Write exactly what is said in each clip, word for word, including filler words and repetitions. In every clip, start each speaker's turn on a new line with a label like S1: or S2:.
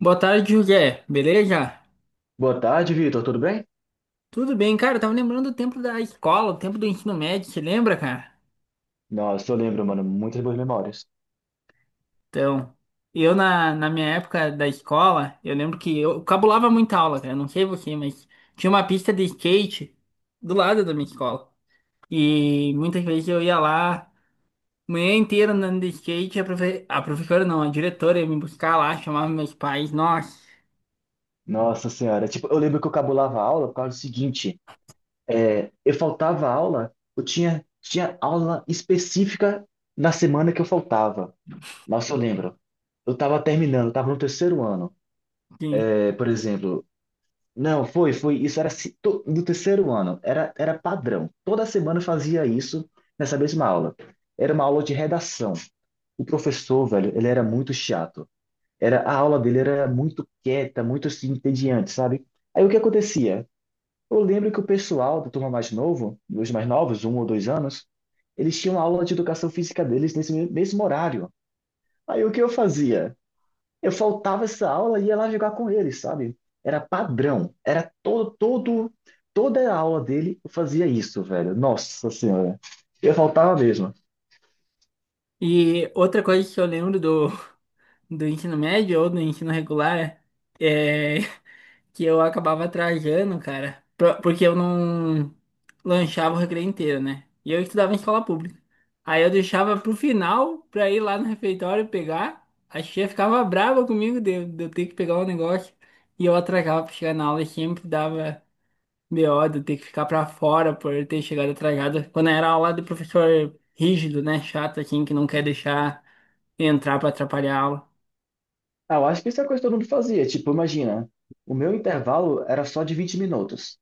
S1: Boa tarde, José. Beleza?
S2: Boa tarde, Vitor. Tudo bem?
S1: Tudo bem, cara. Eu tava lembrando do tempo da escola, o tempo do ensino médio, você lembra, cara?
S2: Nossa, eu lembro, mano, muitas boas memórias.
S1: Então, eu na, na minha época da escola, eu lembro que eu cabulava muita aula, cara. Não sei você, mas tinha uma pista de skate do lado da minha escola. E muitas vezes eu ia lá, manhã inteira andando de skate, a, profe... a professora não, a diretora ia me buscar lá, chamava meus pais, nossa.
S2: Nossa senhora, tipo, eu lembro que eu cabulava a aula por causa do seguinte, é, eu faltava aula, eu tinha, tinha aula específica na semana que eu faltava. Nossa, eu lembro. Eu tava terminando, tava no terceiro ano.
S1: Sim.
S2: É, por exemplo, não, foi, foi, isso era se- to- no terceiro ano, era, era padrão. Toda semana eu fazia isso nessa mesma aula. Era uma aula de redação. O professor, velho, ele era muito chato. Era, a aula dele era muito quieta, muito assim, entediante, sabe? Aí o que acontecia? Eu lembro que o pessoal da turma mais novo, dos mais novos, um ou dois anos, eles tinham aula de educação física deles nesse me- mesmo horário. Aí o que eu fazia? Eu faltava essa aula e ia lá jogar com eles, sabe? Era padrão, era todo, todo, toda a aula dele eu fazia isso, velho. Nossa Senhora, eu faltava mesmo.
S1: E outra coisa que eu lembro do, do ensino médio ou do ensino regular é. que eu acabava atrasando, cara, pro- porque eu não lanchava o recreio inteiro, né? E eu estudava em escola pública. Aí eu deixava pro final pra ir lá no refeitório pegar. A tia ficava brava comigo de, eu- de eu ter que pegar o negócio. E eu atrasava pra chegar na aula e sempre dava B O de eu ter que ficar pra fora por eu ter chegado atrasado. Quando era aula do professor rígido, né? Chato, assim, que não quer deixar entrar pra atrapalhar a aula.
S2: Ah, eu acho que isso é a coisa que todo mundo fazia. Tipo, imagina, o meu intervalo era só de vinte minutos.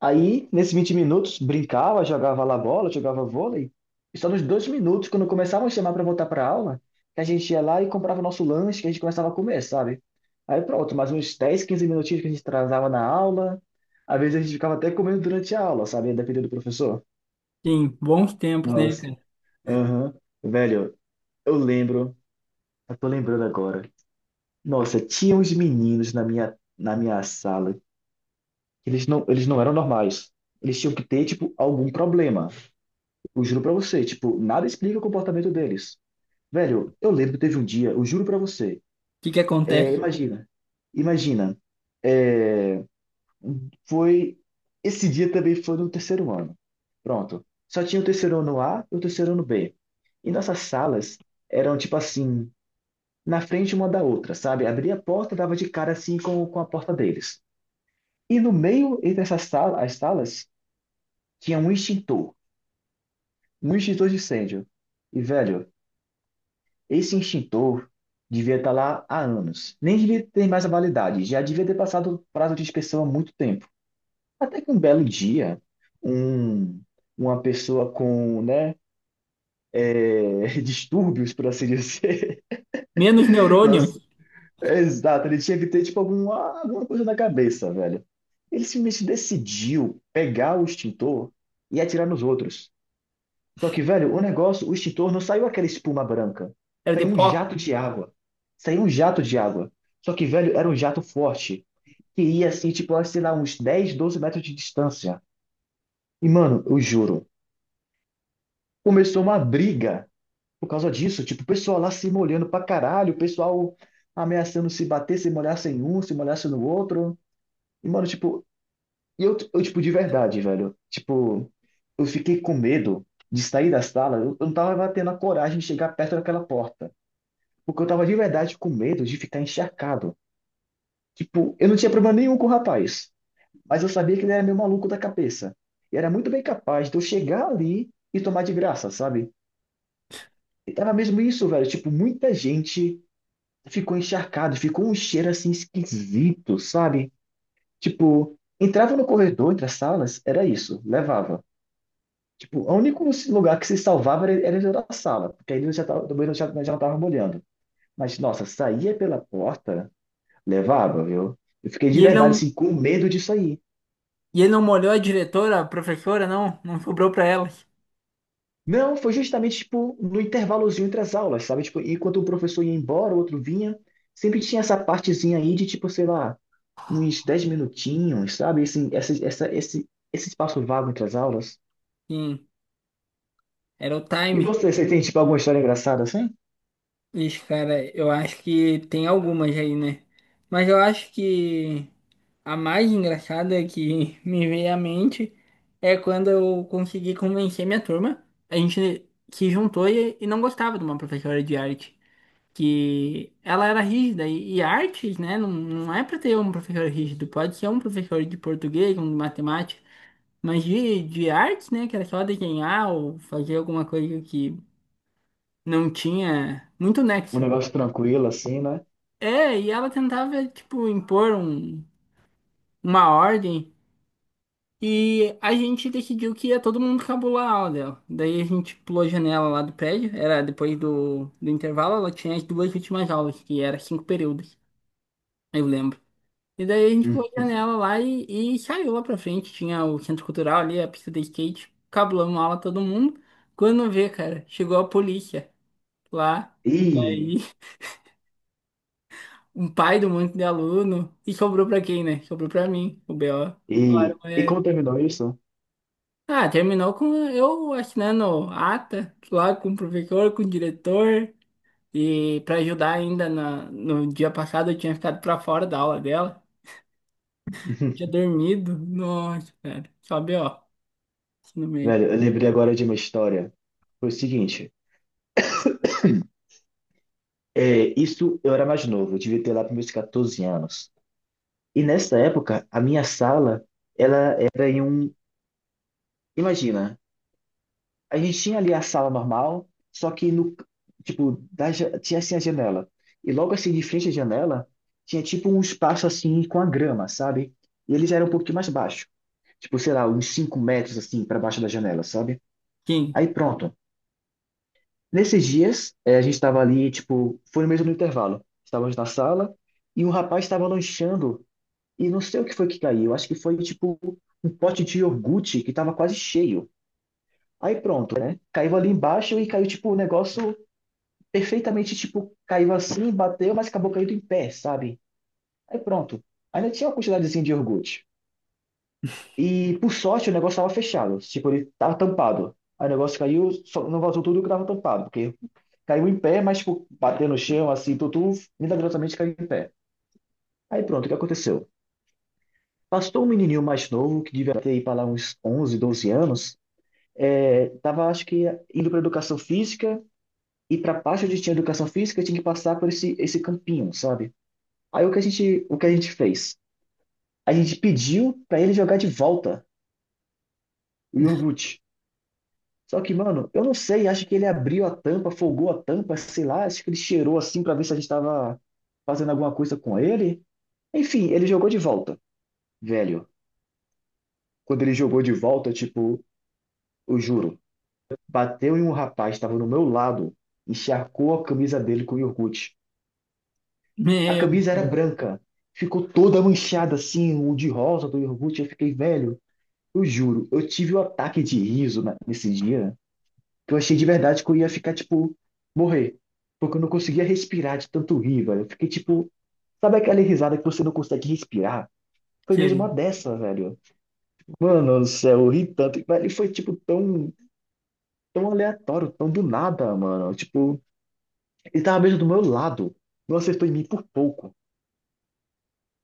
S2: Aí, nesses vinte minutos, brincava, jogava lá bola, jogava vôlei. E só nos dois minutos, quando começavam a chamar para voltar para aula, que a gente ia lá e comprava o nosso lanche, que a gente começava a comer, sabe? Aí pronto, mais uns dez, quinze minutinhos que a gente atrasava na aula. Às vezes a gente ficava até comendo durante a aula, sabe? Dependendo do professor.
S1: Sim, bons tempos, né, cara?
S2: Nossa,
S1: O
S2: aham. Velho, eu lembro, eu tô lembrando agora. Nossa, tinha uns meninos na minha, na minha sala, que eles não, eles não eram normais. Eles tinham que ter, tipo, algum problema. Eu juro pra você, tipo, nada explica o comportamento deles. Velho, eu lembro que teve um dia, eu juro pra você,
S1: que que
S2: é,
S1: acontece?
S2: imagina, imagina, é, foi, esse dia também foi no terceiro ano, pronto. Só tinha o terceiro ano A e o terceiro ano B. E nossas salas eram, tipo assim, na frente uma da outra, sabe? Abria a porta, dava de cara assim com, com a porta deles. E no meio entre essas salas, as salas, tinha um extintor, um extintor de incêndio. E, velho, esse extintor devia estar lá há anos. Nem devia ter mais a validade, já devia ter passado o prazo de inspeção há muito tempo. Até que um belo dia, um, uma pessoa com, né, é, distúrbios, por assim dizer.
S1: Menos neurônios.
S2: Nossa, é exato, ele tinha que ter, tipo, alguma, alguma coisa na cabeça, velho. Ele simplesmente decidiu pegar o extintor e atirar nos outros. Só que, velho, o negócio, o extintor não saiu aquela espuma branca.
S1: Era de
S2: Saiu um
S1: pó.
S2: jato de água. Saiu um jato de água. Só que, velho, era um jato forte. Que ia assim, tipo, sei lá, uns dez, doze metros de distância. E, mano, eu juro, começou uma briga por causa disso. Tipo, o pessoal lá se molhando pra caralho, o pessoal ameaçando se bater, se molhasse em um, se molhasse no outro. E, mano, tipo, e eu, eu, tipo, de verdade, velho. Tipo, eu fiquei com medo de sair da sala. Eu eu não tava tendo a coragem de chegar perto daquela porta. Porque eu tava de verdade com medo de ficar encharcado. Tipo, eu não tinha problema nenhum com o rapaz, mas eu sabia que ele era meio maluco da cabeça. E era muito bem capaz de eu chegar ali e tomar de graça, sabe? E tava mesmo isso, velho. Tipo, muita gente ficou encharcado, ficou um cheiro assim esquisito, sabe? Tipo, entrava no corredor, entre as salas, era isso, levava. Tipo, o único lugar que se salvava era, era dentro da sala, porque aí eu já tava, também eu já, já não tava molhando. Mas, nossa, saía pela porta. Levava, viu? Eu fiquei de
S1: E ele
S2: verdade,
S1: não,
S2: assim, com medo disso aí.
S1: e ele não molhou a diretora, a professora, não. Não sobrou pra ela.
S2: Não, foi justamente, tipo, no intervalozinho entre as aulas, sabe? Tipo, enquanto um professor ia embora, o outro vinha, sempre tinha essa partezinha aí de, tipo, sei lá, uns dez minutinhos, sabe? Assim, essa, essa, esse, esse espaço vago entre as aulas.
S1: Sim, era o
S2: E
S1: time.
S2: você, você tem, tipo, alguma história engraçada, assim?
S1: Ixi, cara, eu acho que tem algumas aí, né? Mas eu acho que a mais engraçada que me veio à mente é quando eu consegui convencer minha turma. A gente se juntou e, e não gostava de uma professora de arte. Que ela era rígida. E, e artes, né? Não, não é pra ter um professor rígido. Pode ser um professor de português, um de matemática. Mas de, de artes, né? Que era só desenhar ou fazer alguma coisa que não tinha muito
S2: Um
S1: nexo.
S2: negócio tranquilo, assim, né?
S1: É, e ela tentava, tipo, impor um, uma ordem. E a gente decidiu que ia todo mundo cabular a aula dela. Daí a gente pulou a janela lá do prédio. Era depois do, do intervalo, ela tinha as duas últimas aulas, que era cinco períodos, eu lembro. E daí a gente
S2: Hum.
S1: pulou a janela lá e, e saiu lá pra frente. Tinha o centro cultural ali, a pista de skate. Cabulamos aula todo mundo. Quando vê, cara, chegou a polícia lá.
S2: E,
S1: Aí, um pai do monte de aluno. E sobrou pra quem, né? Sobrou pra mim, o B O.
S2: e, e
S1: É,
S2: como terminou isso?
S1: ah, terminou com eu assinando ata lá com o professor, com o diretor. E pra ajudar ainda na, no dia passado eu tinha ficado pra fora da aula dela. Tinha dormido. Nossa, cara. Só B O, assim, no meio.
S2: Velho, eu lembrei agora de uma história. Foi o seguinte. É, isso eu era mais novo, eu devia ter lá para meus quatorze anos. E nessa época, a minha sala, ela era em um. Imagina, a gente tinha ali a sala normal, só que no. Tipo, da ja- tinha assim a janela. E logo assim, de frente à janela, tinha tipo um espaço assim com a grama, sabe? E eles eram um pouquinho mais baixo. Tipo, sei lá, uns cinco metros assim para baixo da janela, sabe?
S1: Quem?
S2: Aí pronto. Nesses dias, eh, a gente estava ali, tipo, foi mesmo no intervalo. Estávamos na sala e um rapaz estava lanchando. E não sei o que foi que caiu. Acho que foi tipo um pote de iogurte que tava quase cheio. Aí pronto, né? Caiu ali embaixo e caiu tipo um negócio perfeitamente tipo caiu assim, bateu, mas acabou caindo em pé, sabe? Aí pronto. Ainda tinha uma quantidadezinha de iogurte. E por sorte o negócio tava fechado, tipo ele tava tampado. Aí o negócio caiu, só- não vazou tudo que tava tampado, porque caiu em pé, mas tipo bateu no chão assim, tudo milagrosamente caiu em pé. Aí pronto, o que aconteceu? Pastor, um menininho mais novo, que devia ter aí para lá uns onze, doze anos, é, tava, acho que, indo para educação física, e para a parte onde tinha educação física, tinha que passar por esse, esse campinho, sabe? Aí o que a gente, o que a gente fez? A gente pediu para ele jogar de volta o iogurte. Só que, mano, eu não sei, acho que ele abriu a tampa, folgou a tampa, sei lá, acho que ele cheirou assim para ver se a gente estava fazendo alguma coisa com ele. Enfim, ele jogou de volta, velho. Quando ele jogou de volta, tipo, eu juro. Bateu em um rapaz que estava no meu lado, e encharcou a camisa dele com iogurte. A
S1: Meu
S2: camisa era
S1: Deus.
S2: branca, ficou toda manchada assim, o de rosa do iogurte. Eu fiquei velho. Eu juro, eu tive um ataque de riso na- nesse dia, que eu achei de verdade que eu ia ficar, tipo, morrer. Porque eu não conseguia respirar de tanto rir, velho. Eu fiquei, tipo, sabe aquela risada que você não consegue respirar? Foi mesmo uma
S1: Sei.
S2: dessa, velho. Mano do céu, eu ri tanto. Velho, e foi, tipo, tão, tão aleatório, tão do nada, mano. Tipo, ele tava mesmo do meu lado. Não acertou em mim por pouco.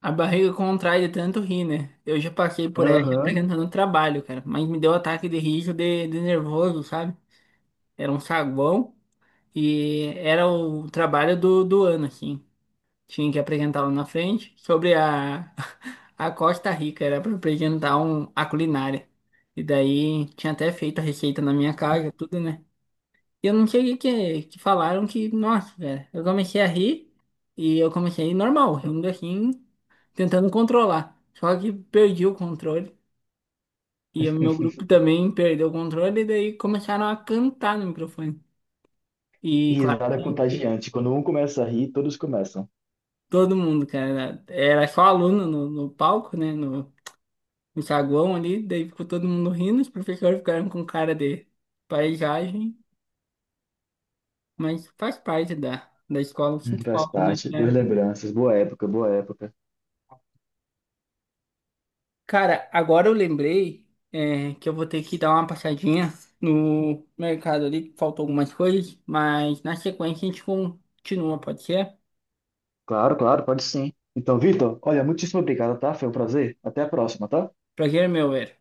S1: A barriga contrai de tanto rir, né? Eu já passei por essa
S2: Aham.
S1: apresentando trabalho, cara. Mas me deu ataque de riso de, de nervoso, sabe? Era um saguão e era o trabalho do, do ano, assim. Tinha que apresentar lá na frente sobre a, a Costa Rica. Era para apresentar um, a culinária. E daí tinha até feito a receita na minha casa, tudo, né? E eu não sei o que, que falaram que, nossa, velho, eu comecei a rir e eu comecei normal, rindo assim, tentando controlar. Só que perdi o controle e o meu grupo também perdeu o controle e daí começaram a cantar no microfone. E claro
S2: Risada
S1: que
S2: contagiante. Quando um começa a rir, todos começam.
S1: todo mundo, cara, era só aluno no, no palco, né, no, no saguão ali, daí ficou todo mundo rindo, os professores ficaram com cara de paisagem, mas faz parte da, da escola, eu
S2: Hum.
S1: sinto
S2: Faz
S1: falta, né?
S2: parte. Boas lembranças. Boa época, boa época.
S1: Cara, agora eu lembrei, é, que eu vou ter que dar uma passadinha no mercado ali, que faltou algumas coisas, mas na sequência a gente continua, pode ser?
S2: Claro, claro, pode sim. Então, Vitor, olha, muitíssimo obrigado, tá? Foi um prazer. Até a próxima, tá?
S1: Prazer, é meu, velho.